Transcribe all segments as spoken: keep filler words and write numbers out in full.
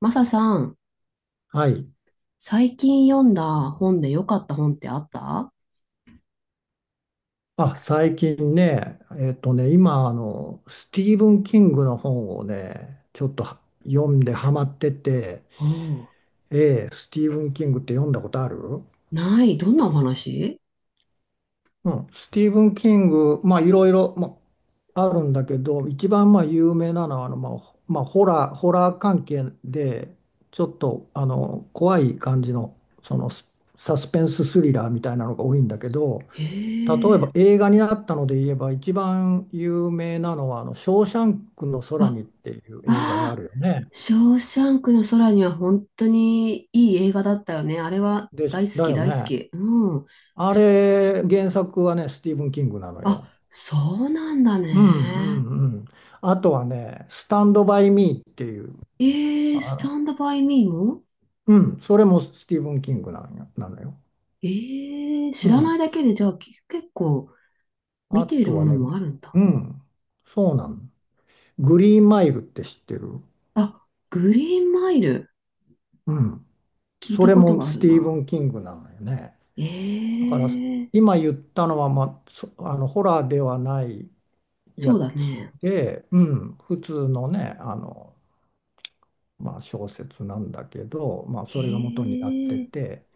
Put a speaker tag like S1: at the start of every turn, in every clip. S1: マサさん、
S2: はい。
S1: 最近読んだ本で良かった本ってあった？
S2: あ、最近ね、えっとね、今、あの、スティーブン・キングの本をね、ちょっとは読んでハマってて、
S1: おう。
S2: ええ、スティーブン・キングって読んだことある？
S1: ない。どんなお話？
S2: うん、スティーブン・キング、まあ、いろいろ、まあ、あるんだけど、一番、まあ、有名なのは、あの、まあ、ほまあ、ホラー、ホラー関係で、ちょっと、あの、怖い感じの、その、スサスペンススリラーみたいなのが多いんだけど、
S1: へ
S2: 例えば
S1: え。
S2: 映画になったので言えば、一番有名なのは、あの、ショーシャンクの空
S1: あ、
S2: にっていう映画があ
S1: ああ、
S2: るよね。
S1: ショーシャンクの空には本当にいい映画だったよね。あれは
S2: で、し
S1: 大好
S2: だ
S1: き、
S2: よ
S1: 大好
S2: ね。
S1: き。うん。
S2: あ
S1: す
S2: れ、原作はね、スティーブン・キングなのよ。
S1: あ、そうなんだ
S2: うん
S1: ね。
S2: うんうん。あとはね、スタンド・バイ・ミーっていう、
S1: ええ、
S2: あ
S1: スタ
S2: の、
S1: ンドバイミーも。
S2: うん、それもスティーブン・キングなのよなのよ。
S1: ええ、知
S2: う
S1: ら
S2: ん。
S1: ないだけでじゃあき結構
S2: あ
S1: 見ている
S2: とは
S1: もの
S2: ね、
S1: もあるんだ。
S2: うん、そうなの。グリーンマイルって知ってる？
S1: あ、グリーンマイル。
S2: うん。
S1: 聞い
S2: そ
S1: た
S2: れ
S1: こと
S2: も
S1: があ
S2: ス
S1: る
S2: ティーブ
S1: な。
S2: ン・キングなのよね。だから
S1: ええ。
S2: 今言ったのは、まあ、そあのホラーではない
S1: そう
S2: や
S1: だ
S2: つ
S1: ね。
S2: で、うん、普通のね、あの、まあ、小説なんだけど、まあ、それが元
S1: へ
S2: になって
S1: え、
S2: て、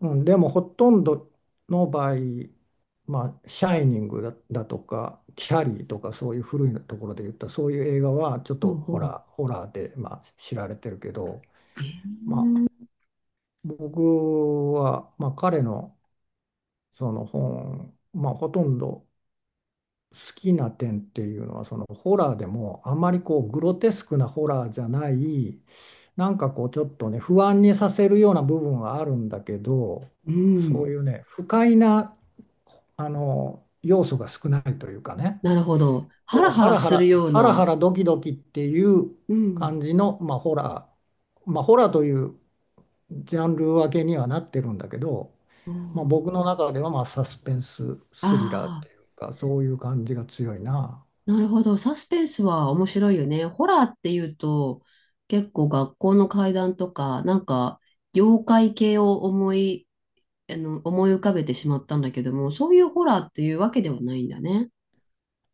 S2: うん、でもほとんどの場合、まあ、シャイニングだ、だとか、キャリーとか、そういう古いところで言った、そういう映画はちょっ
S1: ほ
S2: と
S1: う
S2: ホ
S1: ほ
S2: ラー、ホラーで、まあ、知られてるけど、
S1: う。え
S2: まあ、僕は、まあ、彼のその本、まあ、ほとんど、好きな点っていうのはそのホラーでもあまりこうグロテスクなホラーじゃない。なんかこうちょっとね不安にさせるような部分はあるんだけど、
S1: う
S2: そうい
S1: ん。
S2: うね不快なあの要素が少ないというかね、
S1: なるほど。ハラ
S2: こう
S1: ハ
S2: ハ
S1: ラ
S2: ラハ
S1: する
S2: ラ
S1: よう
S2: ハラハ
S1: な。
S2: ラドキドキっていう
S1: うん。
S2: 感じの、まあ、ホラー、まあ、ホラーというジャンル分けにはなってるんだけど、
S1: お
S2: まあ、
S1: う。
S2: 僕の中ではまあサスペンススリラーっ
S1: あ
S2: ていうかそういう感じが強いな。
S1: あ、なるほど。サスペンスは面白いよね。ホラーっていうと、結構学校の怪談とか、なんか、妖怪系を思い、あの、思い浮かべてしまったんだけども、そういうホラーっていうわけではないんだね。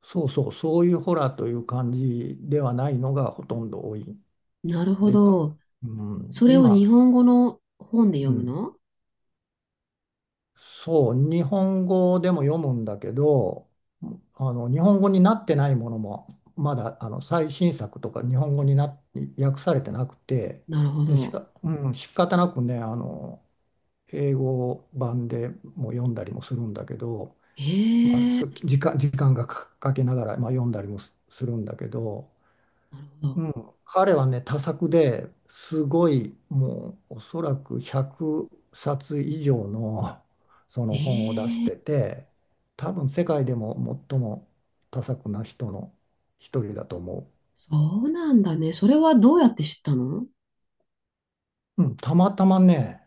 S2: そうそう、そういうホラーという感じではないのがほとんど多い。
S1: なるほ
S2: でか、
S1: ど。
S2: うん、
S1: それを
S2: 今、
S1: 日本語の本で
S2: う
S1: 読む
S2: ん、
S1: の？
S2: そう、日本語でも読むんだけど、あの日本語になってないものも、まだあの最新作とか日本語にな訳されてなくて、
S1: なるほ
S2: で、し
S1: ど。
S2: か、うん、仕方なくね、あの、英語版でも読んだりもするんだけど、まあ、
S1: え
S2: す
S1: え。
S2: 時間、時間がかかけながら、まあ、読んだりもすするんだけど、
S1: なるほど。
S2: うん、彼はね、多作ですごい、もうおそらくひゃくさつ以上のその本を
S1: ええ。
S2: 出してて、多分世界でも最も多作な人の一人だと思
S1: そうなんだね。それはどうやって知ったの？
S2: う。うん、たまたまね、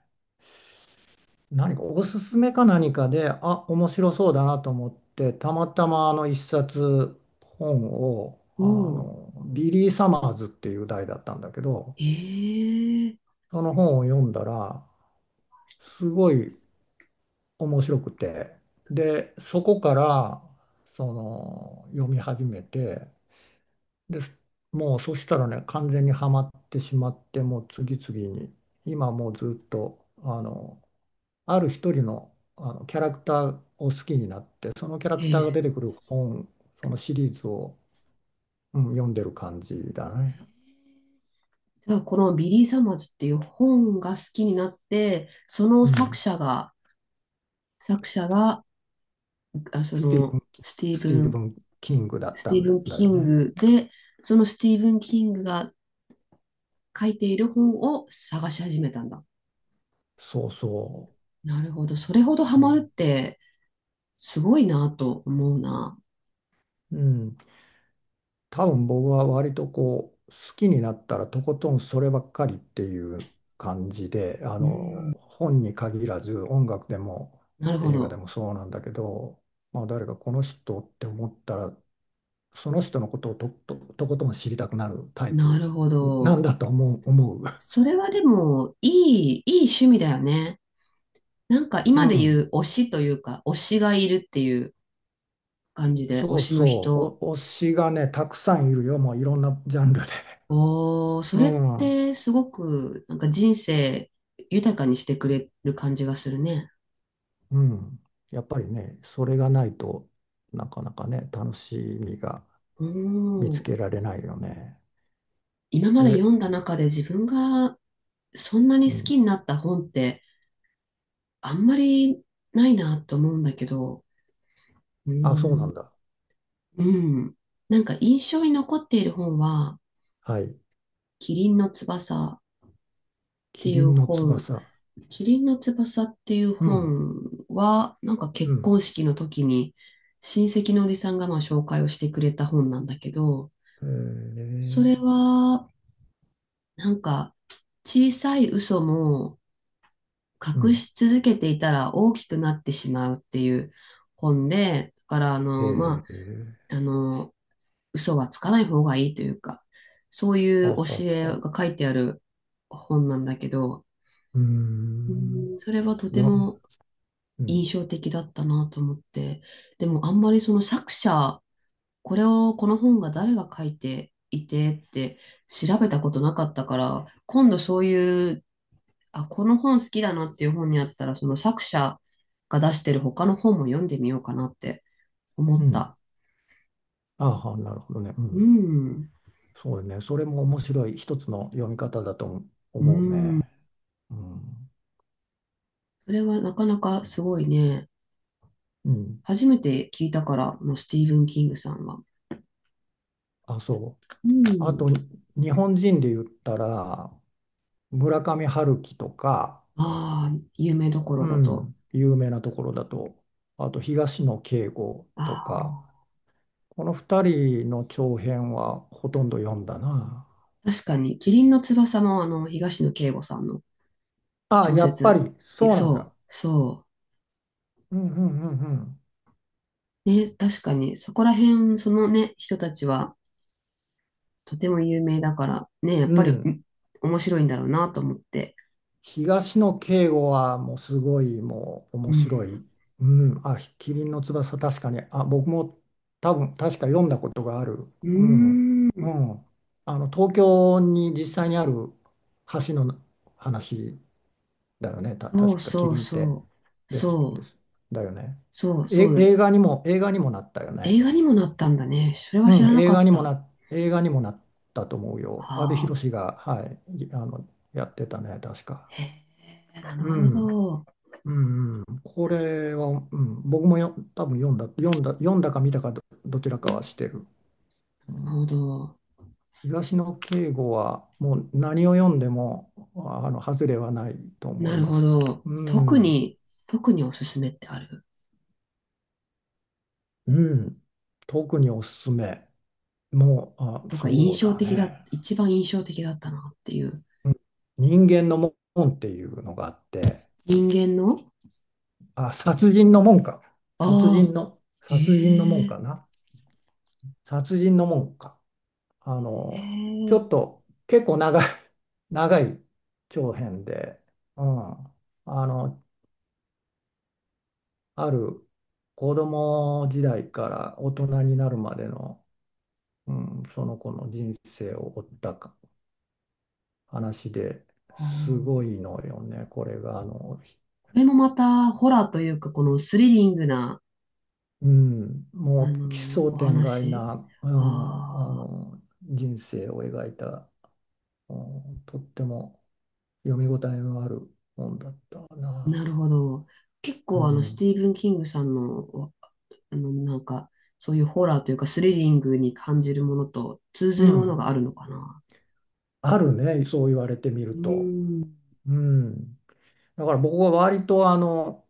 S2: 何かおすすめか何かで、あ、面白そうだなと思って、たまたまあの一冊本を、
S1: お
S2: あ
S1: う。
S2: の、ビリー・サマーズっていう題だったんだけど、
S1: ええ。
S2: その本を読んだら、すごい面白くて、でそこからその読み始めて、で、もうそしたらね完全にはまってしまって、もう次々に今もうずっとあのある一人の、あのキャラクターを好きになって、そのキャラ
S1: え
S2: クターが
S1: え。
S2: 出てくる本、そのシリーズを、うん、読んでる感じだね。
S1: じゃあ、このビリー・サマーズっていう本が好きになって、その
S2: う
S1: 作
S2: ん、
S1: 者が、作者が、あ、そ
S2: スティーブ
S1: の、
S2: ン・キン
S1: スティー
S2: スティ
S1: ブ
S2: ーブ
S1: ン、
S2: ン・キングだっ
S1: ス
S2: た
S1: ティー
S2: ん
S1: ブ
S2: だ、
S1: ン・
S2: だ
S1: キ
S2: よ
S1: ン
S2: ね。
S1: グで、そのスティーブン・キングが書いている本を探し始めたんだ。
S2: そうそ
S1: なるほど。それほどハ
S2: う。う
S1: マるっ
S2: ん、
S1: て、すごいなと思うな。
S2: うん、多分僕は割とこう好きになったらとことんそればっかりっていう感じで、あ
S1: うん、
S2: の本に限らず音楽でも
S1: なるほ
S2: 映画で
S1: ど。
S2: もそうなんだけど、まあ、誰かこの人って思ったらその人のことをと、と、とことん知りたくなるタイ
S1: な
S2: プ
S1: るほ
S2: なん
S1: ど。
S2: だと思う、思う。
S1: それはでも、いい、いい趣味だよね。なんか
S2: う
S1: 今で言
S2: ん、
S1: う推しというか、推しがいるっていう感じで、推
S2: そう
S1: しの
S2: そ
S1: 人。
S2: う、お推しがねたくさんいるよ、もういろんなジャンルで。
S1: おー、そ
S2: う
S1: れっ
S2: ん
S1: てすごく、なんか人生豊かにしてくれる感じがするね。
S2: うん。やっぱりね、それがないとなかなかね、楽しみが見つ
S1: おー、
S2: けられないよね。
S1: 今まで
S2: え、
S1: 読んだ中で自分がそんな
S2: う
S1: に好
S2: ん。
S1: きになった本ってあんまりないなと思うんだけど、う
S2: あ、
S1: ん、
S2: そうなんだ。
S1: うん。なんか印象に残っている本は、
S2: はい。
S1: キリンの翼、って
S2: キ
S1: い
S2: リ
S1: う
S2: ンの
S1: 本、
S2: 翼。
S1: 麒麟の翼っていう
S2: うん。
S1: 本は、なんか
S2: う
S1: 結
S2: ん。
S1: 婚式の時に親戚のおじさんがまあ紹介をしてくれた本なんだけど、
S2: へ
S1: そ
S2: え。
S1: れは、なんか小さい嘘も
S2: う
S1: 隠
S2: ん。
S1: し続けていたら大きくなってしまうっていう本で、だからあの、
S2: へ
S1: ま
S2: え。
S1: あ、あの、嘘はつかない方がいいというか、そうい
S2: あは
S1: う教え
S2: は。
S1: が書いてある本なんだけど、
S2: うー
S1: う
S2: ん。
S1: ん、それはとて
S2: よ、
S1: も
S2: う
S1: 印
S2: ん。
S1: 象的だったなと思って、でもあんまりその作者、これを、この本が誰が書いていてって調べたことなかったから、今度そういう、あ、この本好きだなっていう本にあったら、その作者が出してる他の本も読んでみようかなって思
S2: う
S1: っ
S2: ん。
S1: た。
S2: あは、なるほどね。う
S1: う
S2: ん。
S1: ん、
S2: そうね。それも面白い一つの読み方だと
S1: う
S2: 思う
S1: ん。
S2: ね。うん。
S1: それはなかなかすごいね。
S2: うん。
S1: 初めて聞いたから、もうスティーブン・キングさんは。
S2: あ、そ
S1: う
S2: う。あ
S1: ん。
S2: と、日本人で言ったら、村上春樹とか、
S1: ああ、有名どこ
S2: う
S1: ろだと。
S2: ん、有名なところだと、あと東野圭吾
S1: あ
S2: とか、
S1: あ。
S2: このふたりの長編はほとんど読んだな。
S1: 確かに、キリンの翼もあの、東野圭吾さんの
S2: あ、
S1: 小
S2: やっぱ
S1: 説。
S2: り、
S1: い
S2: そうなんだ。
S1: そう、そ
S2: うんうんうん
S1: う。ね、確かに、そこら辺、そのね、人たちはとても有名だから、ね、やっ
S2: う
S1: ぱ
S2: ん。
S1: り、
S2: うん、
S1: ん面白いんだろうなと思って。
S2: 東野圭吾はもうすごい、もう
S1: う
S2: 面白
S1: ん。
S2: い。うん、あ、キリンの翼確かに、あ、僕も多分確か読んだことがある。
S1: う
S2: うん、
S1: ー
S2: う
S1: ん。
S2: ん。あの東京に実際にある橋の話だよね。た、
S1: そ
S2: 確
S1: う
S2: かキ
S1: そう
S2: リンって
S1: そう。
S2: です、で
S1: そう、
S2: す。だよね。
S1: そう、そ
S2: え、
S1: う。
S2: 映画にも、映画にもなったよ
S1: 映
S2: ね。
S1: 画にもなったんだね。それは知
S2: う
S1: ら
S2: ん、
S1: な
S2: 映
S1: か
S2: 画
S1: っ
S2: にも
S1: た。
S2: な、映画にもなったと思うよ。阿部
S1: はあ。
S2: 寛が、はい、いあの、やってたね、確か。
S1: へえ、なる
S2: う
S1: ほ
S2: ん。
S1: ど。
S2: うんうん、これは、うん、僕もよ多分読んだ、読んだ、読んだか見たかど、どちらかはしてる。う
S1: なる
S2: ん、
S1: ほど。
S2: 東野圭吾はもう何を読んでもあの外れはないと思
S1: な
S2: い
S1: る
S2: ま
S1: ほ
S2: す。
S1: ど。
S2: う
S1: 特
S2: ん、
S1: に、特におすすめってある？
S2: うん、特におすすめ。もう、あ、
S1: とか、印
S2: そう
S1: 象
S2: だ
S1: 的だ、
S2: ね。
S1: 一番印象的だったなっていう。
S2: うん、人間の門っていうのがあって、
S1: 人間の。
S2: あ、殺人の門か。殺
S1: ああ
S2: 人の、殺人の門
S1: ー、え
S2: か
S1: え。
S2: な。殺人の門か。あ
S1: へ
S2: の、ち
S1: え、
S2: ょっと結構長い、長い長編で、うん、あの、ある子供時代から大人になるまでの、うん、その子の人生を追ったか話で、すご
S1: こ
S2: いのよね、これが。あの、
S1: れもまた、ホラーというか、このスリリングな、
S2: うん、
S1: あ
S2: もう奇
S1: の、
S2: 想
S1: お
S2: 天外
S1: 話。
S2: な、うん、あ
S1: ああ、
S2: の人生を描いた、うん、とっても読み応えのある本だった
S1: な
S2: な。
S1: るほど。結
S2: う
S1: 構、あの、ステ
S2: ん
S1: ィーブン・キングさんの、あの、なんか、そういうホラーというか、スリリングに感じるものと通
S2: う
S1: ずるもの
S2: ん、
S1: があるのかな。
S2: あるね、そう言われてみ
S1: う
S2: る
S1: ー
S2: と。
S1: ん、
S2: うん、だから僕は割とあの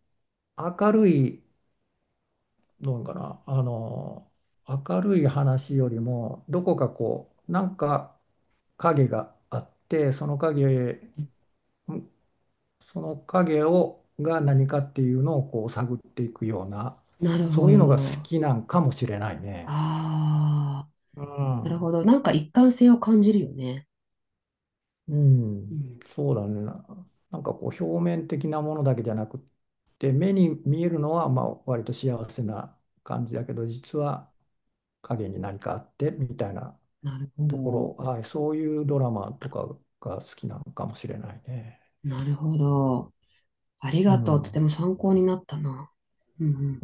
S2: 明るいのかな、あの明るい話よりもどこかこうなんか影があって、その影、うん、その影をが何かっていうのをこう探っていくような
S1: なる
S2: そ
S1: ほ
S2: ういうのが好
S1: ど。
S2: きなんかもしれないね。
S1: ああ、
S2: う
S1: なる
S2: ん
S1: ほど。なんか一貫性を感じるよね。
S2: う
S1: う
S2: ん、
S1: ん。
S2: そうだね。な、なんかこう表面的なものだけじゃなくって、目に見えるのはまあ割と幸せな感じだけど、実は影に何かあってみたいな
S1: なるほ
S2: とこ
S1: ど。
S2: ろ、はい、そういうドラマとかが好きなのかもしれないね。
S1: なるほど。あり
S2: う
S1: がとう。とて
S2: ん。
S1: も参考になったな。うんうん